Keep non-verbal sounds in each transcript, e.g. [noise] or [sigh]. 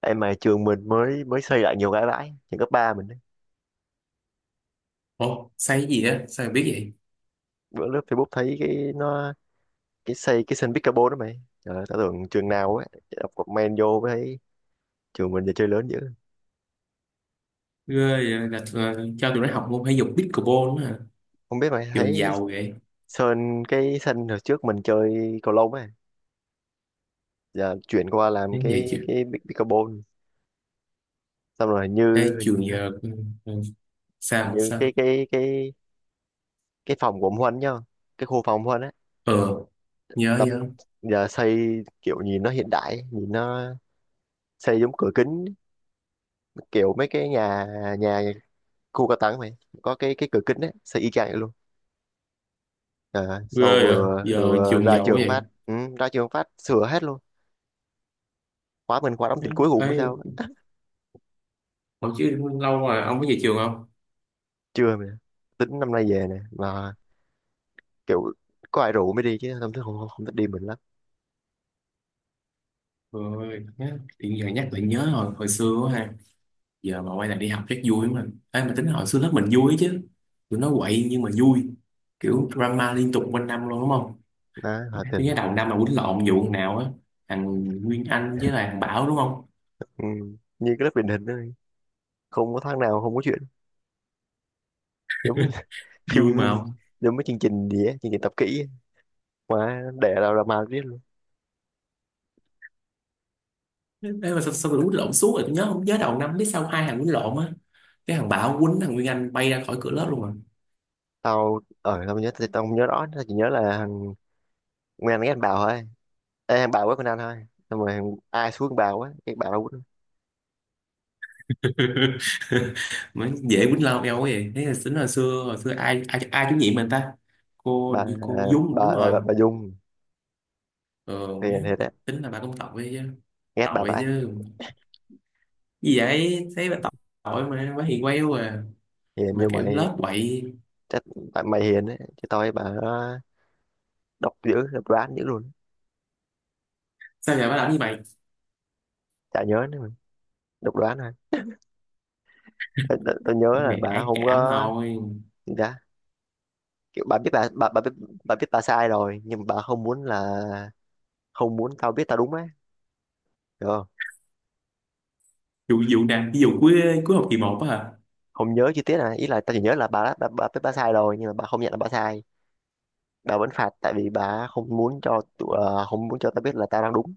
Em mà trường mình mới mới xây lại nhiều cái bãi trường cấp ba mình ấy. Ủa, sai cái gì á? Sao mà biết vậy? Bữa lướt Facebook thấy cái nó, cái xây cái sân pickleball đó mày, trời ơi tao tưởng trường nào ấy, đọc comment vô mới thấy trường mình giờ chơi lớn dữ. Ghê vậy? Là cho tụi nó học môn thể dục pickleball nữa hả? Không biết mày Trường thấy giàu vậy. sơn cái sân hồi trước mình chơi cầu lông ấy, giờ chuyển qua làm Đến vậy cái chứ. cái pickleball. Xong rồi hình như Ê, hình, trường giờ... ừ, ừ, hình sao? như cái Sao? cái cái cái phòng của ông Huân nhá, cái khu phòng ông Huân á, Ờ, nhớ đập nhớ. giờ xây kiểu nhìn nó hiện đại, nhìn nó xây giống cửa kính, kiểu mấy cái nhà nhà khu cao đẳng mày, có cái cửa kính đấy, xây y chang vậy luôn. Sau Ghê vậy? vừa, Giờ vừa trường ra giàu quá trường vậy. phát, ra trường phát sửa hết luôn. Khóa mình khóa đóng trình cuối cùng mới Thấy, sao á. hồi chứ lâu rồi ông có về trường không? Chưa mày, tính năm nay về nè mà, kiểu có ai rủ mới đi chứ không thích đi mình lắm. Rồi, tự nhiên giờ nhắc lại nhớ hồi xưa quá ha. Giờ mà quay lại đi học rất vui mà, mình. Ê, mà tính hồi xưa lớp mình vui chứ. Tụi nó quậy nhưng mà vui. Kiểu drama liên tục quanh năm luôn đúng không? Hòa Tôi nhớ Thịnh. đầu năm mà quýnh lộn vụ thằng nào á, thằng Nguyên Anh với lại thằng Bảo đúng không. Ừ. Như cái lớp truyền hình đó không có tháng nào không có chuyện, giống như [laughs] phim, Vui mà không. giống mấy chương trình gì á, chương trình tập kỹ á, mà để ra ra mà biết luôn. Ê mà sao tôi quýnh lộn suốt rồi tôi nhớ không, nhớ đầu năm biết sao hai thằng quýnh lộn á, cái thằng Bảo quýnh thằng Nguyên Anh bay ra khỏi cửa lớp luôn à. Tao không nhớ rõ, tao chỉ nhớ là thằng Nguyên ghét anh Bảo thôi. Ê, em bà quá con anh thôi. Xong rồi ai xuống bà quá cái bà đâu quýnh. [laughs] Mới dễ quýnh lộn eo quá vậy, thế là tính hồi xưa ai ai, ai chủ nhiệm mình ta? Cô bà hình như cô Dung đúng bà bà, rồi. bà, bà Dung Ờ mấy, hiền thiệt á, tính là bà cũng tội chứ. ghét bà Tội vãi, chứ, gì vậy thấy bà, tội mà bà hiền queo à. hiền Mà như kiểu mày. lớp quậy. Chắc tại mày hiền đấy, chứ tôi bà đó độc đoán dữ luôn. Sao giờ bà làm như vậy? Chả nhớ nữa mà, độc đoán thôi. Tôi nhớ là Cái bà ác không cảm có thôi. gì ta, kiểu bà biết, bà biết bà sai rồi nhưng mà bà không muốn tao biết tao đúng á, được không. Vụ vụ nào, ví dụ cuối cuối học kỳ một á hả? Không nhớ chi tiết này, ý là tao chỉ nhớ là bà biết bà sai rồi nhưng mà bà không nhận là bà sai, bà vẫn phạt tại vì bà không muốn cho tao biết là tao đang đúng,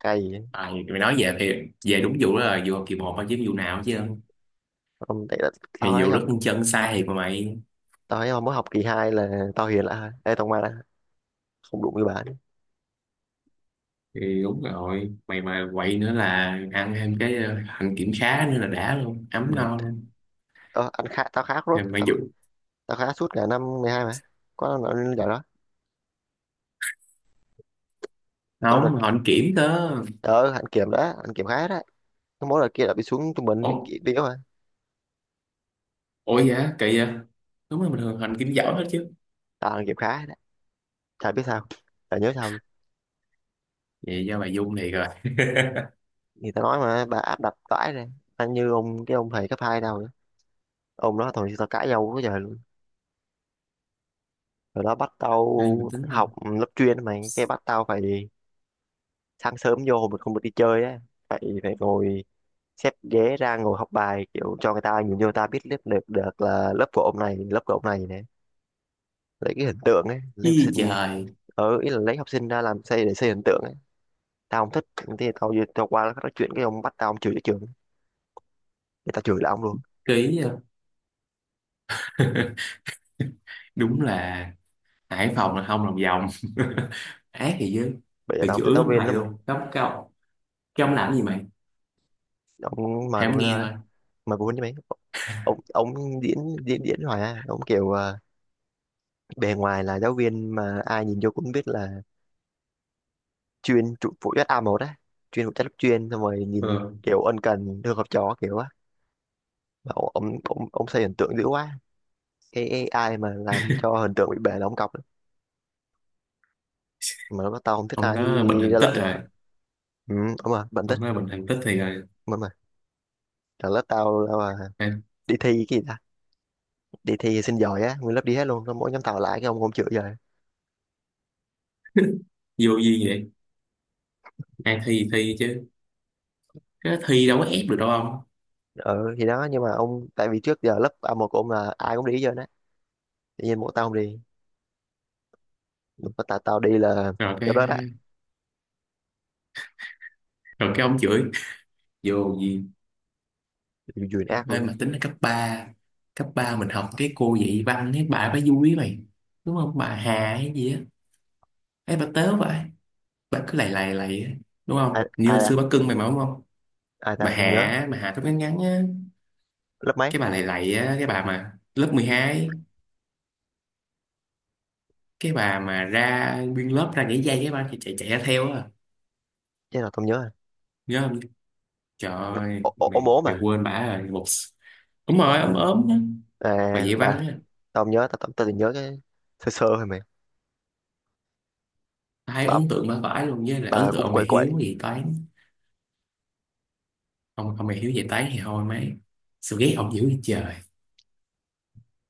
cay. À, mày nói về thì về đúng vụ đó, là vụ học kỳ một thôi chứ vụ nào chứ. Không tại là tao Thì thấy vụ rất học con chân sai thiệt mà mày. tao thấy mới học kỳ 2 là tao hiền lại đây, tao mà là không đụng với bà nữa, Thì đúng rồi, mày mà quậy nữa là ăn thêm cái hạnh kiểm khá nữa là đã luôn, ấm mệt. no luôn. Ờ, anh khá tao khá rốt Thì mày tao, vụ. tao khá suốt cả năm 12 mà, có năm nào lên giải đó. Có Không, đợt họ hạnh kiểm cơ. ở hạnh kiểm đó, hạnh kiểm khá đó, cái mối đợt kia là bị xuống trung bình ủa bị yếu mà. ủa dạ kỳ vậy. Đúng là bình thường hành kiểm giỏi hết chứ. Tao hạnh kiểm khá đó, chả biết sao, chả nhớ sao luôn. Vậy do mày Dung thiệt rồi. [laughs] Thì tao nói mà bà áp đặt vãi rồi, anh như cái ông thầy cấp hai đâu nữa, ông đó thôi tao cãi nhau quá trời luôn. Rồi đó bắt tao Đây mình tính rồi. học lớp chuyên mà, cái bắt tao phải sáng sớm vô hồi mình không được đi chơi á, phải phải ngồi xếp ghế ra ngồi học bài kiểu cho người ta nhìn vô người ta biết lớp được được là lớp của ông này, lớp của ông này này, lấy cái hình tượng ấy, lấy học Ý sinh. trời. Ở ý là lấy học sinh ra làm xây để xây hình tượng ấy, tao không thích, thì tao qua nói chuyện, cái ông bắt tao, ông chửi cái trường, thì tao chửi là ông luôn. Ký. [laughs] Đúng là Hải Phòng là không lòng vòng. [laughs] Ác thì chứ. Bây giờ Từ tao không thích chửi giáo ông viên thầy lắm mày, luôn cấm cao. Cái ông làm gì mày, ông mà thầy không của nghe tao thôi. mà của với mày, ông diễn diễn diễn hoài à, ông kiểu bề ngoài là giáo viên mà ai nhìn vô cũng biết là chuyên trụ phụ trách A1 á, chuyên phụ trách lớp chuyên. Xong rồi nhìn Ừ. kiểu ân cần thương học trò kiểu á, mà ông xây hình tượng dữ quá, cái ai mà làm cho hình tượng bị bể là ông cọc lắm. Mà lớp tao không thích Ông ai đó bệnh ra thành tích lệnh tao, rồi. ừ, đúng rồi bạn thích, Ông đó bệnh thành tích thì rồi. đúng rồi, là lớp tao là À, đi thi cái gì ta, đi thi xin giỏi á, nguyên lớp đi hết luôn xong mỗi nhóm tao lại, cái ông không chữa rồi. vô duyên vậy. Ai thi thì thi chứ, cái thi đâu có ép được đâu ông. Ừ thì đó, nhưng mà ông tại vì trước giờ lớp A1 của ông là ai cũng đi hết trơn á, tự nhiên mỗi tao không đi, lúc mà tao tao đi là, Rồi cái, lúc đó đó, rồi cái ông chửi. Vô duyên. Duyên ác luôn Ê, đấy. mà tính là cấp 3 mình học cái cô dạy văn cái bà vui mày, đúng không, bà Hà hay gì á. Ấy bà tớ vậy, bà cứ lầy lầy lầy á, đúng không, ai, như ai hồi xưa ta bà cưng mày mà đúng không. Ai Bà ta không nhớ, Hạ, bà Hạ tóc ngắn ngắn á, lớp mấy, cái bà lầy lầy á, cái bà mà lớp 12, cái bà mà ra nguyên lớp ra nhảy dây cái bà chạy chạy, chạy ra theo á. chứ là tao không nhớ rồi. Nhớ không? Trời ơi, Ô, ô, Ốm mày ốm mày à, quên bà rồi một. Đúng rồi, ấm ốm á. Bà à dạy văn bà, á. tao không nhớ, tao tao tao chỉ nhớ cái sơ sơ thôi mày. Ai bà ấn tượng bà vãi luôn, với lại ấn bà tượng cũng ông quậy thầy quậy. Hiếu dạy toán. Ông thầy Hiếu dạy toán thì thôi mấy, sự ghét ông dữ như trời,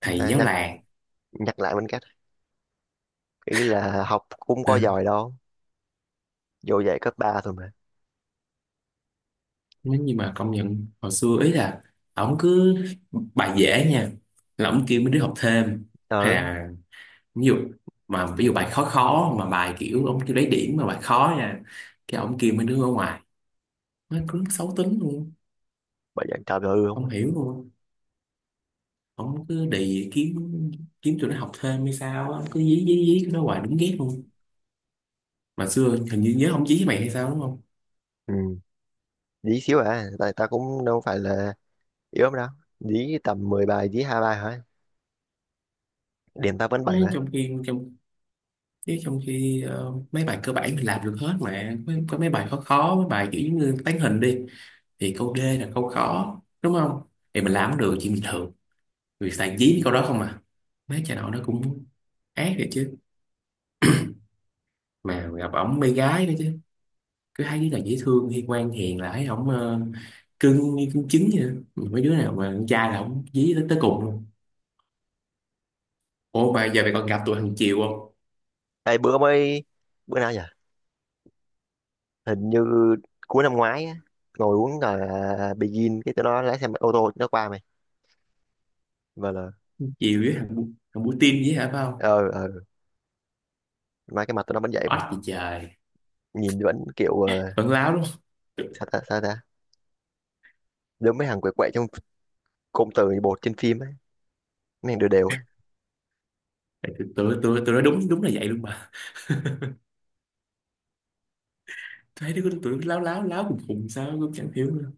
thầy à, giáo nhắc làng. nhắc lại bên cách, ý là học cũng có À, giỏi đâu, vô dạy cấp 3 thôi mà, nếu như mà công nhận hồi xưa ý là, ổng cứ bài dễ nha là ổng kêu mấy đứa học thêm, hay ừ, là ví dụ, mà ví dụ bài khó khó mà bài kiểu ông kêu lấy điểm mà bài khó nha, cái ông kia mấy đứa ở ngoài nó cứ xấu tính luôn, bà dạy trời ơi không không à. hiểu luôn. Ông cứ đì kiếm, kiếm tụi nó học thêm hay sao á, cứ dí dí dí tụi nó hoài đúng ghét luôn. Mà xưa hình như nhớ ông dí với mày hay sao đúng không. Ừ dí xíu à, tại ta cũng đâu phải là yếu lắm đâu, dí tầm 10 bài dí 2 bài thôi, điểm tao vẫn 7 Mấy mà. trong khi trong Chứ trong khi mấy bài cơ bản thì làm được hết, mà có mấy bài khó khó, mấy bài kiểu như tán hình đi thì câu D là câu khó đúng không, thì mình làm cũng được chuyện bình thường. Người xài dí cái câu đó không à. Mấy cha nội nó cũng ác rồi chứ. Mà gặp ổng mê gái nữa chứ. Cứ thấy đứa nào dễ thương hay ngoan hiền là thấy ổng cưng như cưng trứng vậy đó. Mấy đứa nào mà con trai là ổng dí tới cùng luôn. Ủa mà giờ mày còn gặp tụi thằng Chiều không? Ê, bữa mới, bữa nào nhỉ, hình như cuối năm ngoái á, ngồi uống là Begin cái tụi nó lái xe ô tô nó qua mày, và là Chiều với thằng Bu Tim với hả phải không? ờ ờ mà cái mặt tụi nó vẫn vậy mày, Oách gì trời. nhìn vẫn kiểu Vẫn láo lắm. sao ta sao ta, giống mấy thằng quậy quậy trong cụm từ bột trên phim ấy, mấy thằng đều đều ấy. Tại tụi tụi tụi tụi nó đúng đúng là vậy luôn mà, thấy đứa tụi nó láo láo láo cùng cùng sao cũng chẳng hiểu nữa.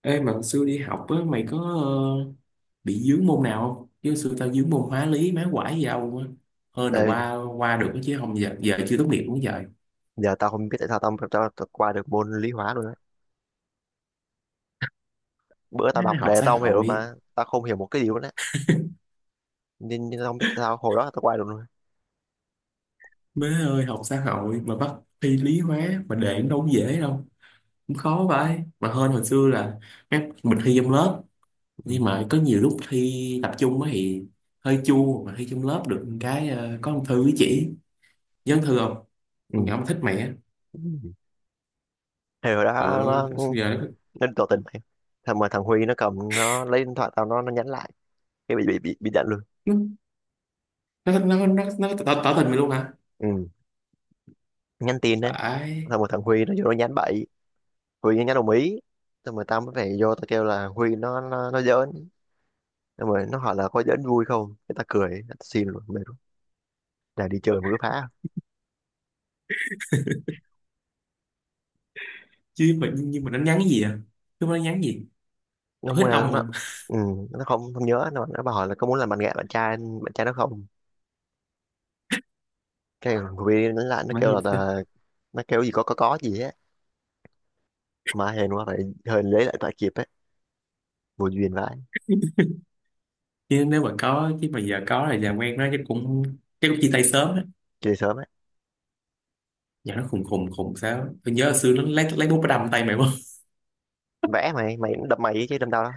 Ê mà hồi xưa đi học á mày có ờ, bị dướng môn nào không? Chứ xưa tao dướng môn hóa lý má quải gì đâu á. Hơn là Ê, qua qua được chứ không giờ giờ chưa tốt nghiệp cũng vậy. giờ tao không biết tại sao tao qua được môn lý hóa luôn á, bữa tao Má đọc học đề xã tao không hiểu hội. mà tao không hiểu một cái gì luôn á, nên tao không biết tại sao hồi đó tao qua được luôn. Má ơi học xã hội mà bắt thi lý hóa mà để đâu có dễ đâu, cũng khó vậy mà. Hơn hồi xưa là má, mình thi trong lớp nhưng Ừ. mà có nhiều lúc thi tập trung á thì hơi chua, mà thi trong lớp được một cái có ông thư với chỉ. Nhớ ông thư không? Ừ. Con nhỏ mà thích mẹ. Thì hồi đó Ừ, nó sao giờ nó nó tỏ tình mày, thằng Huy nó cầm nó lấy điện thoại tao, nó nhắn lại, cái bị đánh luôn. nó nó nó, nó, nó tỏ, tỏ tình mày luôn hả? Ừ. Nhắn tin á, Phải. xong rồi thằng Huy nó vô nó nhắn bậy, Huy nó nhắn đồng ý, xong rồi tao mới phải vô tao kêu là Huy nó giỡn, xong rồi nó hỏi là có giỡn vui không, cái tao cười tao xin luôn mệt luôn, là đi chơi mà cứ phá. Chứ mà nhưng mà nó nhắn cái gì à, chứ nó nhắn gì Nó hết muốn là ông Nó, mà. ừ, nó không không nhớ, nó bảo hỏi là có muốn làm bạn gái, bạn trai nó không, cái thằng Huy nó lại nó Mà kêu như là, thế. là nó kêu gì, có gì á, mà hên quá phải, hên lấy lại tại kịp á, vô duyên vãi. Chứ nếu mà có, chứ mà giờ có thì làm quen nó chắc cũng, chắc cũng chia tay sớm á. Chơi sớm á, Giờ nó khùng khùng khùng sao, tôi nhớ hồi xưa nó lấy bút nó đâm tay mày không. vẽ mày mày cũng đâm mày chứ đâm tao đó,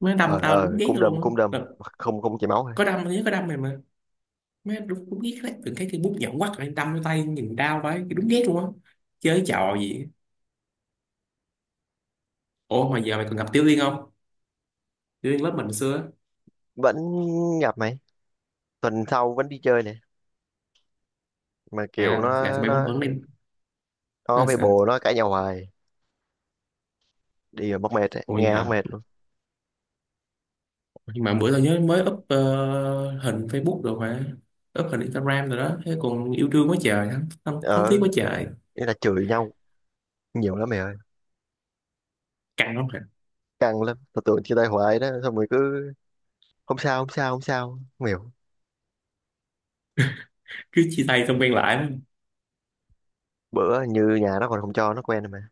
Nó đâm tao đúng ờ ghét cung nó đâm luôn cung đâm, á. Là không không chảy máu. có đâm, nhớ có đâm mày mà. Má đúng ghét, lấy từng cái cây bút nhọn quắt rồi đâm vô tay nhìn đau vậy đúng ghét luôn á. Chơi trò gì á. Ủa mà giờ mày còn gặp Tiểu Liên không? Tiểu Liên lớp mình xưa á. Vẫn gặp mày, tuần sau vẫn đi chơi này, mà kiểu À là tụi nó bay vẫn nó vẫn đi. Nó nó là với sao? bồ nó cãi nhau hoài, đi rồi mắc mệt ấy. Ôi Nghe mắc hả. mệt luôn, Nhưng mà bữa tao nhớ mới up hình Facebook rồi, phải, up hình Instagram rồi đó thế, còn yêu đương quá trời thắm ở thiết quá trời. ý là chửi nhau nhiều lắm mày ơi, Căng lắm hả? căng lắm tao tưởng chia tay hoài đó, xong rồi cứ không sao không sao không sao, không hiểu. Cứ chia tay xong quen lại lắm. Bữa như nhà nó còn không cho nó quen rồi mà,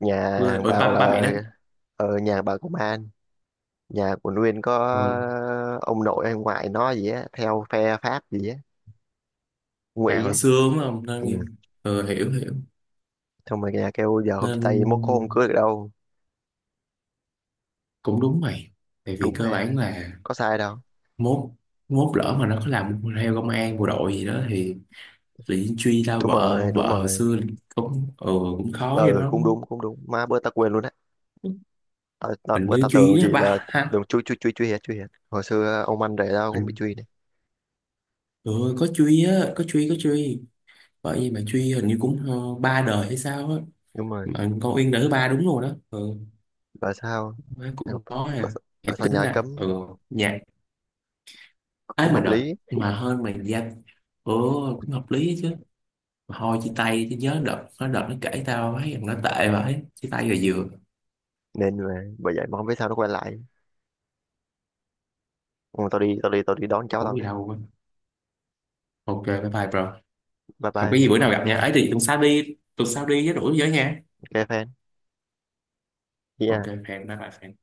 nhà Quê- hàng ôi bảo ba ba mẹ là đó. ở nhà bà công an, nhà của Nguyên có Ừ. ông nội hay ngoại nó gì á theo phe Pháp gì á, Ngụy À hồi á, xưa đúng không ừ. nên, ừ, hiểu hiểu. Xong rồi nhà kêu giờ không chia tay mốt có hôm Nên cưới được đâu, cũng đúng mày, tại vì đúng cơ mà bản là có sai đâu, mốt, mốt lỡ mà nó có làm theo công an bộ đội gì đó thì bị truy ra đúng vợ rồi đúng vợ hồi rồi, xưa, cũng cũng khó cho ừ nó. cũng đúng cũng đúng, má bữa ta quên luôn đấy, ta, ta, Hình bữa như ta tưởng truy chỉ đó là, ba ha. đừng chui chui chui chui hết chui hết, hồi xưa ông anh rể tao cũng bị truy này, Trời ơi, có Truy á, có Truy, có Truy. Bởi vì mà Truy hình như cũng ba đời hay sao á. đúng rồi. Mà con Uyên đời thứ ba đúng rồi đó. Ừ, Tại sao, má tại cũng có tại- à. Hãy tại sao tính nhà là cấm, nhạc ấy, cũng mà hợp đợt lý, mà hơn mà danh. Ừ, cũng hợp lý ấy chứ. Mà thôi chia tay chứ, nhớ đợt nó, đợt nó kể tao thấy rằng nó tệ vậy. Chia tay rồi vừa. nên là bởi vậy mà không biết sao nó quay lại. Ừ, tao đi đón cháu Khổ tao gì cái, đâu. Quên. Ok, bye bye bro. bye Không có gì, bye, bữa nào gặp nha. Ấy thì tuần sau đi với rủ với nha. cái fan, Ok, yeah. hẹn bye bye.